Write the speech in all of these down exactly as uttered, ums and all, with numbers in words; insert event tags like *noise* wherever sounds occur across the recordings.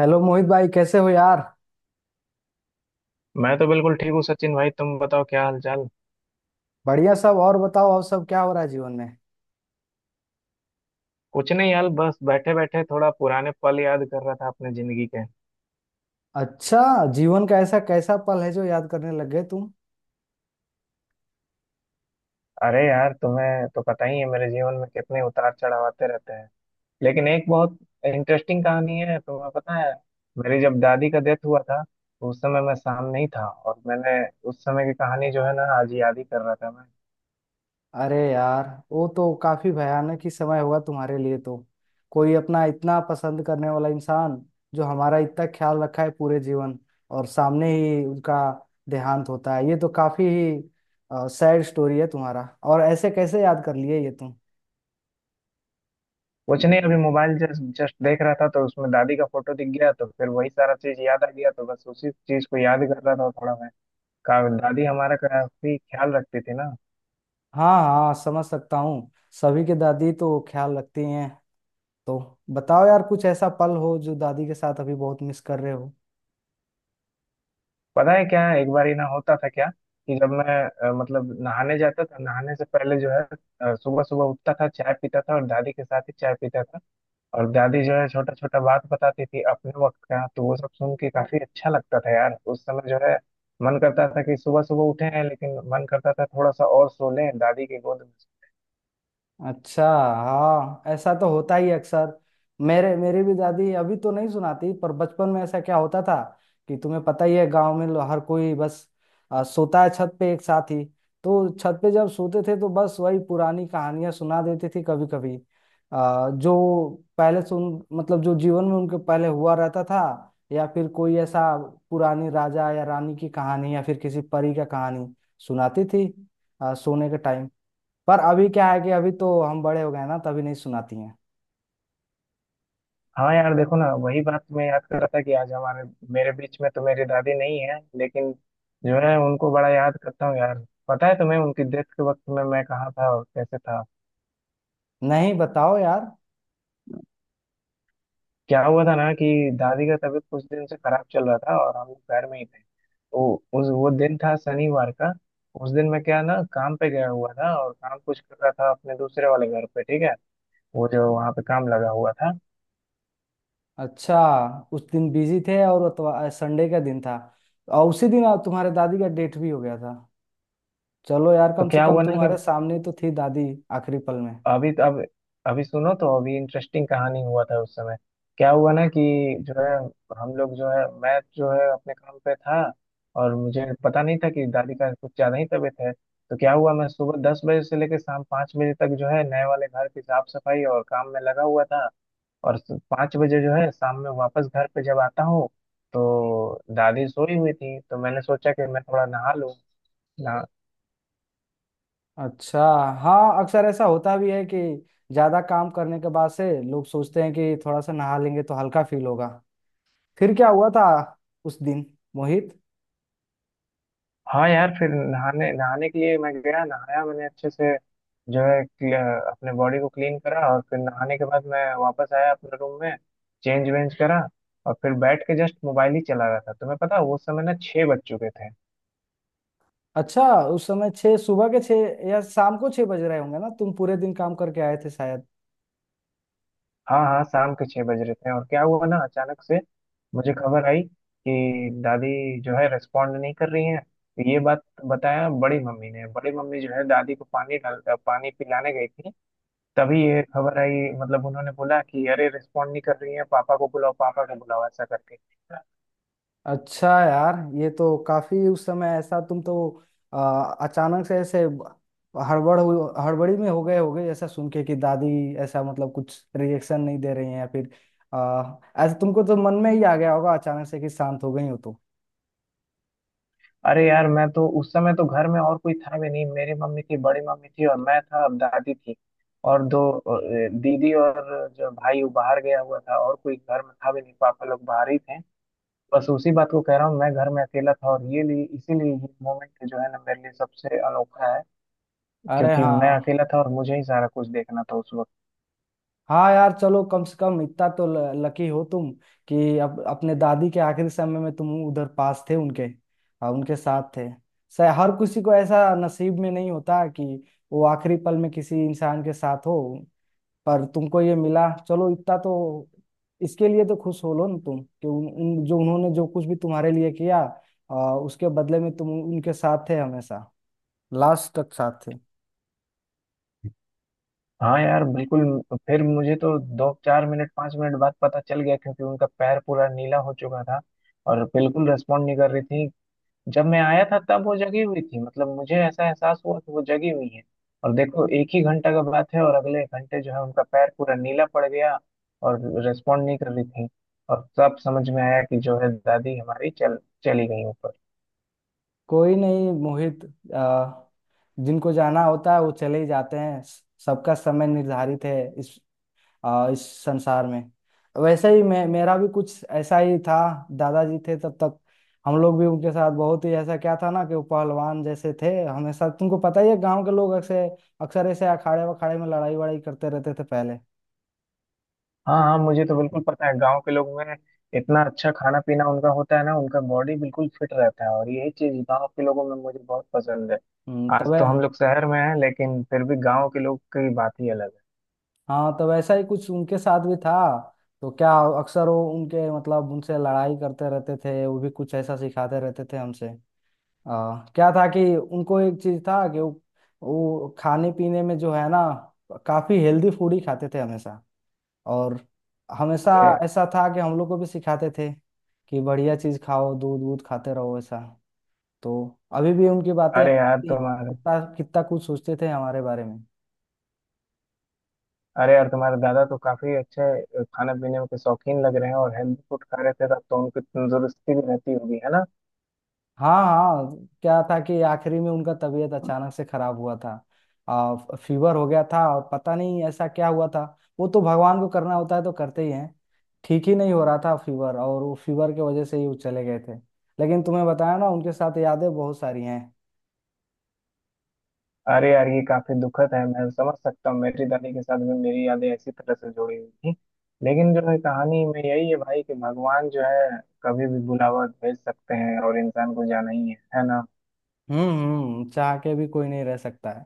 Hello Mohit भाई कैसे हो यार। मैं तो बिल्कुल ठीक हूँ सचिन भाई। तुम बताओ क्या हाल चाल। बढ़िया सब। और बताओ और सब क्या हो रहा है जीवन में। कुछ नहीं यार, बस बैठे बैठे थोड़ा पुराने पल याद कर रहा था अपने जिंदगी के। अच्छा। जीवन का ऐसा कैसा पल है जो याद करने लग गए तुम। अरे यार तुम्हें तो पता ही है मेरे जीवन में कितने उतार चढ़ाव आते रहते हैं। लेकिन एक बहुत इंटरेस्टिंग कहानी है, तुम्हें पता है। मेरी जब दादी का डेथ हुआ था तो उस समय मैं सामने ही था, और मैंने उस समय की कहानी जो है ना आज याद ही कर रहा था मैं। अरे यार वो तो काफी भयानक ही समय होगा तुम्हारे लिए तो। कोई अपना इतना पसंद करने वाला इंसान जो हमारा इतना ख्याल रखा है पूरे जीवन और सामने ही उनका देहांत होता है ये तो काफी ही सैड स्टोरी है तुम्हारा। और ऐसे कैसे याद कर लिए ये तुम। कुछ नहीं, अभी मोबाइल जस्ट जस्ट देख रहा था तो उसमें दादी का फोटो दिख गया तो फिर वही सारा चीज याद आ गया, तो बस उसी चीज को याद कर रहा था थोड़ा मैं। का दादी हमारा काफी ख्याल रखती थी ना। हाँ हाँ समझ सकता हूँ। सभी के दादी तो ख्याल रखती हैं। तो बताओ यार कुछ ऐसा पल हो जो दादी के साथ अभी बहुत मिस कर रहे हो। पता है क्या, एक बार ही ना होता था क्या कि जब मैं, अ, मतलब नहाने जाता था, नहाने से पहले जो है सुबह सुबह उठता था, चाय पीता था और दादी के साथ ही चाय पीता था। और दादी जो है छोटा छोटा बात बताती थी अपने वक्त का, तो वो सब सुन के काफी अच्छा लगता था यार, उस समय जो है। मन करता था कि सुबह सुबह उठे हैं लेकिन मन करता था थोड़ा सा और सो लें दादी की गोद में। अच्छा। हाँ ऐसा तो होता ही अक्सर। मेरे मेरी भी दादी अभी तो नहीं सुनाती पर बचपन में ऐसा क्या होता था कि तुम्हें पता ही है गांव में लो- हर कोई बस आ, सोता है छत पे एक साथ ही। तो छत पे जब सोते थे तो बस वही पुरानी कहानियां सुना देती थी कभी कभी। आ, जो पहले सुन मतलब जो जीवन में उनके पहले हुआ रहता था या फिर कोई ऐसा पुरानी राजा या रानी की कहानी या फिर किसी परी का कहानी सुनाती थी आ, सोने के टाइम पर। अभी क्या है कि अभी तो हम बड़े हो गए ना तभी नहीं सुनाती हैं। हाँ यार देखो ना, वही बात मैं याद कर रहा था कि आज हमारे मेरे बीच में तो मेरी दादी नहीं है लेकिन जो है उनको बड़ा याद करता हूँ यार। पता है तुम्हें उनकी डेथ के वक्त में मैं कहाँ था और कैसे था। नहीं बताओ यार। क्या हुआ था ना कि दादी का तबीयत कुछ दिन से खराब चल रहा था और हम लोग घर में ही थे, तो उस वो दिन था शनिवार का। उस दिन मैं क्या ना काम पे गया हुआ था और काम कुछ कर रहा था अपने दूसरे वाले घर पे, ठीक है। वो जो वहाँ पे काम लगा हुआ था। अच्छा। उस दिन बिजी थे और अतवा- संडे का दिन था और उसी दिन आ- तुम्हारे दादी का डेट भी हो गया था। चलो यार तो कम से क्या कम हुआ ना तुम्हारे कि सामने तो थी दादी आखिरी पल में। अभी तो अब अभी सुनो, तो अभी इंटरेस्टिंग कहानी हुआ था उस समय। क्या हुआ ना कि जो है, हम लोग जो है मैं जो है अपने काम पे था। और मुझे पता नहीं था कि दादी का कुछ ज्यादा ही तबीयत है, तो क्या हुआ, मैं सुबह दस बजे से लेकर शाम पाँच बजे तक जो है नए वाले घर की साफ सफाई और काम में लगा हुआ था। और पाँच बजे जो है शाम में वापस घर पे जब आता हूँ, तो दादी सोई हुई थी तो मैंने सोचा कि मैं थोड़ा नहा लूँ। अच्छा। हाँ अक्सर ऐसा होता भी है कि ज्यादा काम करने के बाद से लोग सोचते हैं कि थोड़ा सा नहा लेंगे तो हल्का फील होगा। फिर क्या हुआ था उस दिन मोहित। हाँ यार, फिर नहाने नहाने के लिए मैं गया, नहाया मैंने अच्छे से, जो है क्ल- अपने बॉडी को क्लीन करा। और फिर नहाने के बाद मैं वापस आया अपने रूम में, चेंज वेंज करा। और फिर बैठ के जस्ट मोबाइल ही चला रहा था, तुम्हें पता है, उस समय ना छः बज चुके थे। अच्छा। उस समय छः सुबह के छः या शाम को छः बज रहे होंगे ना तुम पूरे दिन काम करके आए थे शायद। हाँ हाँ, शाम के छः बज रहे थे, और क्या हुआ ना अचानक से मुझे खबर आई कि दादी जो है रिस्पॉन्ड नहीं कर रही है। तो ये बात बताया बड़ी मम्मी ने, बड़ी मम्मी जो है दादी को पानी डाल पानी पिलाने गई थी। तभी ये खबर आई, मतलब उन्होंने बोला कि अरे रिस्पॉन्ड नहीं कर रही है, पापा को बुलाओ, पापा को बुलाओ ऐसा करके। अच्छा यार। ये तो काफी उस समय ऐसा तुम तो आ, अचानक से ऐसे हड़बड़ हुई- हड़बड़ी में हो गए होगे ऐसा सुन के कि दादी ऐसा मतलब कुछ रिएक्शन नहीं दे रही हैं या फिर आ, ऐसा तुमको तो मन में ही आ गया होगा अचानक से कि शांत हो गई हो तो। अरे यार, मैं तो उस समय तो घर में और कोई था भी नहीं। मेरी मम्मी थी, बड़ी मम्मी थी और मैं था और दादी थी, और दो अ, दीदी, और जो भाई वो बाहर गया हुआ था, और कोई घर में था भी नहीं, पापा लोग बाहर ही थे। बस उसी बात को कह रहा हूँ, मैं घर में अकेला था और ये लिए इसीलिए ये मोमेंट जो है ना मेरे लिए सबसे अनोखा है। अरे क्योंकि हाँ मैं अकेला था और मुझे ही सारा कुछ देखना था उस। हाँ यार चलो कम से कम इतना तो लकी हो तुम कि अप, अपने दादी के आखिरी समय में तुम उधर पास थे उनके और उनके साथ थे। शायद हर किसी को ऐसा नसीब में नहीं होता कि वो आखिरी पल में किसी इंसान के साथ हो। पर तुमको ये मिला चलो इतना तो इसके लिए तो खुश हो लो ना तुम कि उन, उन जो उन्होंने जो कुछ भी तुम्हारे लिए किया आ, उसके बदले में तुम उनके साथ थे हमेशा लास्ट तक साथ थे। हाँ यार बिल्कुल। फिर मुझे तो दो चार मिनट पाँच मिनट बाद पता चल गया, क्योंकि उनका पैर पूरा नीला हो चुका था और बिल्कुल रेस्पॉन्ड नहीं कर रही थी। जब मैं आया था तब वो जगी हुई थी, मतलब मुझे ऐसा एहसास हुआ कि वो जगी हुई है। और देखो, एक ही घंटा का बात है और अगले घंटे जो है उनका पैर पूरा नीला पड़ गया और रेस्पॉन्ड नहीं कर रही थी। और तब समझ में आया कि जो है दादी हमारी चल चली गई ऊपर। कोई नहीं मोहित। आ, जिनको जाना होता है वो चले ही जाते हैं स- सबका समय निर्धारित है इस आ, इस संसार में। वैसे ही मैं मेरा भी कुछ ऐसा ही था। दादाजी थे तब तक। हम लोग भी उनके साथ बहुत ही ऐसा क्या था ना कि वो पहलवान जैसे थे हमेशा तुमको पता ही है गांव के लोग अक्सर अक्सर ऐसे अखाड़े वखाड़े में लड़ाई वड़ाई करते रहते थे पहले। हाँ हाँ, मुझे तो बिल्कुल पता है। गांव के लोग में इतना अच्छा खाना पीना उनका होता है ना, उनका बॉडी बिल्कुल फिट रहता है, और यही चीज गांव के लोगों में मुझे बहुत पसंद है। हम्म, आज तो वै तो हम लोग शहर में हैं, लेकिन फिर भी गांव के लोग की बात ही अलग है। हाँ तो वैसा ही कुछ उनके साथ भी था। तो क्या अक्सर वो उनके मतलब उनसे लड़ाई करते रहते थे वो भी कुछ ऐसा सिखाते रहते थे हमसे। आ, क्या था कि उनको एक चीज था कि वो, वो खाने पीने में जो है ना काफी हेल्दी फूड ही खाते थे हमेशा। और हमेशा अरे ऐसा था कि हम लोग को भी सिखाते थे कि बढ़िया चीज खाओ दूध वूध खाते रहो ऐसा। तो अभी भी उनकी बातें अरे याद यार आती हैं, तुम्हारे कितना कितना कुछ सोचते थे हमारे बारे में। अरे यार तुम्हारे दादा तो काफी अच्छे खाना पीने के शौकीन लग रहे हैं, और हेल्दी फूड खा रहे थे तब तो उनकी तंदुरुस्ती भी रहती होगी है ना। हाँ हाँ क्या था कि आखिरी में उनका तबीयत अचानक से खराब हुआ था। आ, फीवर हो गया था और पता नहीं ऐसा क्या हुआ था। वो तो भगवान को करना होता है तो करते ही हैं। ठीक ही नहीं हो रहा था फीवर और वो फीवर की वजह से ही वो चले गए थे। लेकिन तुम्हें बताया ना उनके साथ यादें बहुत सारी हैं। अरे यार ये काफी दुखद है, मैं समझ सकता हूँ। मेरी दादी के साथ भी मेरी यादें इसी तरह से जुड़ी हुई थी। लेकिन जो है कहानी में यही है भाई, कि भगवान जो है कभी भी बुलावा भेज सकते हैं और इंसान को जाना ही है है ना। हम्म हम्म चाह के भी कोई नहीं रह सकता है।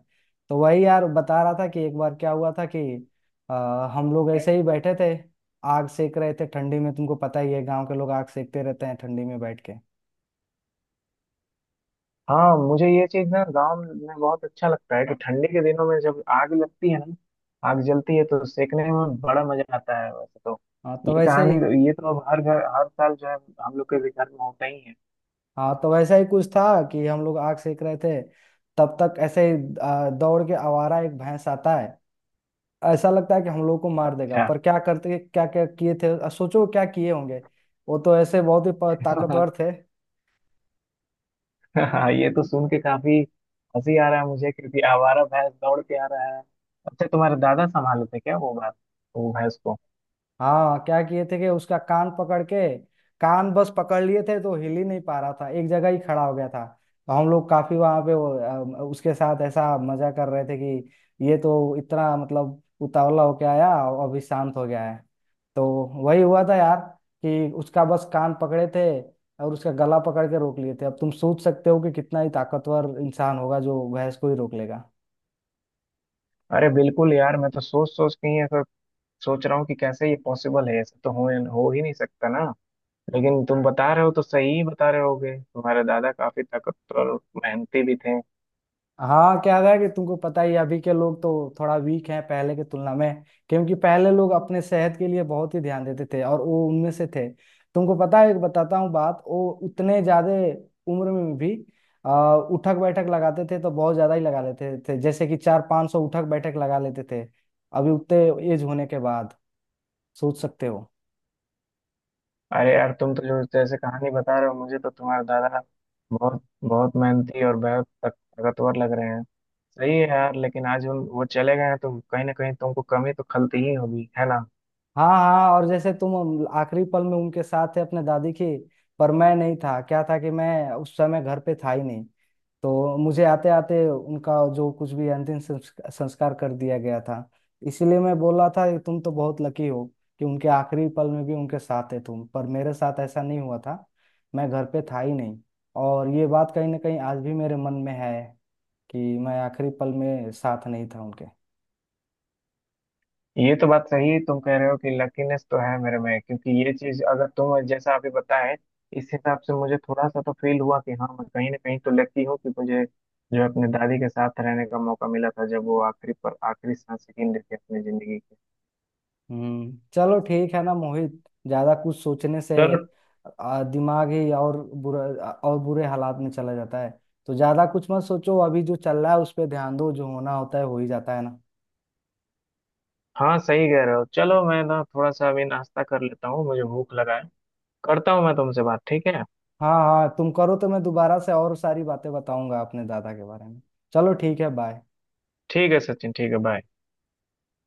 तो वही यार बता रहा था कि एक बार क्या हुआ था कि आ, हम लोग ऐसे ही बैठे थे आग सेक रहे थे ठंडी में तुमको पता ही है गांव के लोग आग सेकते रहते हैं ठंडी में बैठ के। हाँ मुझे ये चीज ना गांव में बहुत अच्छा लगता है कि ठंडी के दिनों में जब आग लगती है ना, आग जलती है तो सेकने में बड़ा मजा आता है, वैसे तो। हाँ तो ये वैसे ही। कहानी ये तो अब हर घर, हर साल जो है हम लोग के भी घर में होता ही है। हाँ तो वैसा ही कुछ था कि हम लोग आग सेक रहे थे। तब तक ऐसे ही आ, दौड़ के आवारा एक भैंस आता है। ऐसा लगता है कि हम लोग को मार देगा पर क्या करते क्या क्या किए थे आ, सोचो क्या किए होंगे। वो तो ऐसे बहुत ही प- अच्छा *laughs* ताकतवर थे। हाँ, ये तो सुन के काफी हंसी आ रहा है मुझे, क्योंकि आवारा भैंस दौड़ के आ रहा है। अच्छा, तुम्हारे दादा संभालते क्या वो बात, वो भैंस को। हाँ क्या किए थे कि उसका कान पकड़ के। कान बस पकड़ लिए थे तो हिल ही नहीं पा रहा था एक जगह ही खड़ा हो गया था। तो हम लोग काफी वहां पे वो, अ, उसके साथ ऐसा मजा कर रहे थे कि ये तो इतना मतलब उतावला होके आया और अभी शांत हो गया है। तो वही हुआ था यार कि उसका बस कान पकड़े थे और उसका गला पकड़ के रोक लिए थे अब तुम सोच सकते हो कि कितना ही ताकतवर इंसान होगा जो भैंस को ही रोक लेगा। अरे बिल्कुल यार, मैं तो सोच सोच के ही ऐसा सोच रहा हूँ कि कैसे ये पॉसिबल है, ऐसा तो हो हो ही नहीं सकता ना। लेकिन तुम बता रहे हो तो सही ही बता रहे होगे, तुम्हारे दादा काफी ताकतवर और मेहनती भी थे। हाँ क्या था कि तुमको पता ही है, अभी के लोग तो थोड़ा वीक हैं पहले की तुलना में क्योंकि पहले लोग अपने सेहत के लिए बहुत ही ध्यान देते थे और वो उनमें से थे। तुमको पता है एक बताता हूँ बात वो उतने ज्यादा उम्र में भी आ, उठक बैठक लगाते थे तो बहुत ज्यादा ही लगा लेते थे जैसे कि चार पांच सौ उठक बैठक लगा लेते थे अभी उतने एज होने के बाद सोच सकते हो। अरे यार तुम तो जो जैसे कहानी बता रहे हो, मुझे तो तुम्हारे दादा बहुत बहुत मेहनती और बहुत ताकतवर लग रहे हैं। सही है यार, लेकिन आज हम वो चले गए हैं तो कहीं ना कहीं तुमको कमी तो खलती ही होगी है ना। हाँ हाँ और जैसे तुम आखिरी पल में उनके साथ थे अपने दादी के पर मैं नहीं था क्या था कि मैं उस समय घर पे था ही नहीं। तो मुझे आते आते उनका जो कुछ भी अंतिम संस्क- संस्कार कर दिया गया था। इसीलिए मैं बोल रहा था कि तुम तो बहुत लकी हो कि उनके आखिरी पल में भी उनके साथ है तुम पर मेरे साथ ऐसा नहीं हुआ था। मैं घर पे था ही नहीं और ये बात कहीं ना कहीं आज भी मेरे मन में है कि मैं आखिरी पल में साथ नहीं था उनके। ये तो बात सही है, तुम कह रहे हो कि लकीनेस तो है मेरे में। क्योंकि ये चीज अगर तुम जैसा अभी बताए, इस हिसाब से मुझे थोड़ा सा तो फील हुआ कि हाँ मैं कहीं ना कहीं तो लकी हूँ कि मुझे जो है अपने दादी के साथ रहने का मौका मिला था, जब वो आखिरी पर आखिरी सांस गिन रही थी अपनी जिंदगी की। हम्म चलो ठीक है ना मोहित। ज्यादा कुछ सोचने से चलो। आ, दिमाग ही और बुरा और बुरे हालात में चला जाता है। तो ज्यादा कुछ मत सोचो अभी जो चल रहा है उस पर ध्यान दो जो होना होता है हो ही जाता है ना। हाँ सही कह रहे हो, चलो मैं ना थोड़ा सा अभी नाश्ता कर लेता हूँ, मुझे भूख लगा है। करता हूँ मैं तुमसे बात, ठीक है। हाँ हाँ तुम करो तो मैं दोबारा से और सारी बातें बताऊंगा अपने दादा के बारे में। चलो ठीक है बाय। ठीक है सचिन, ठीक है बाय।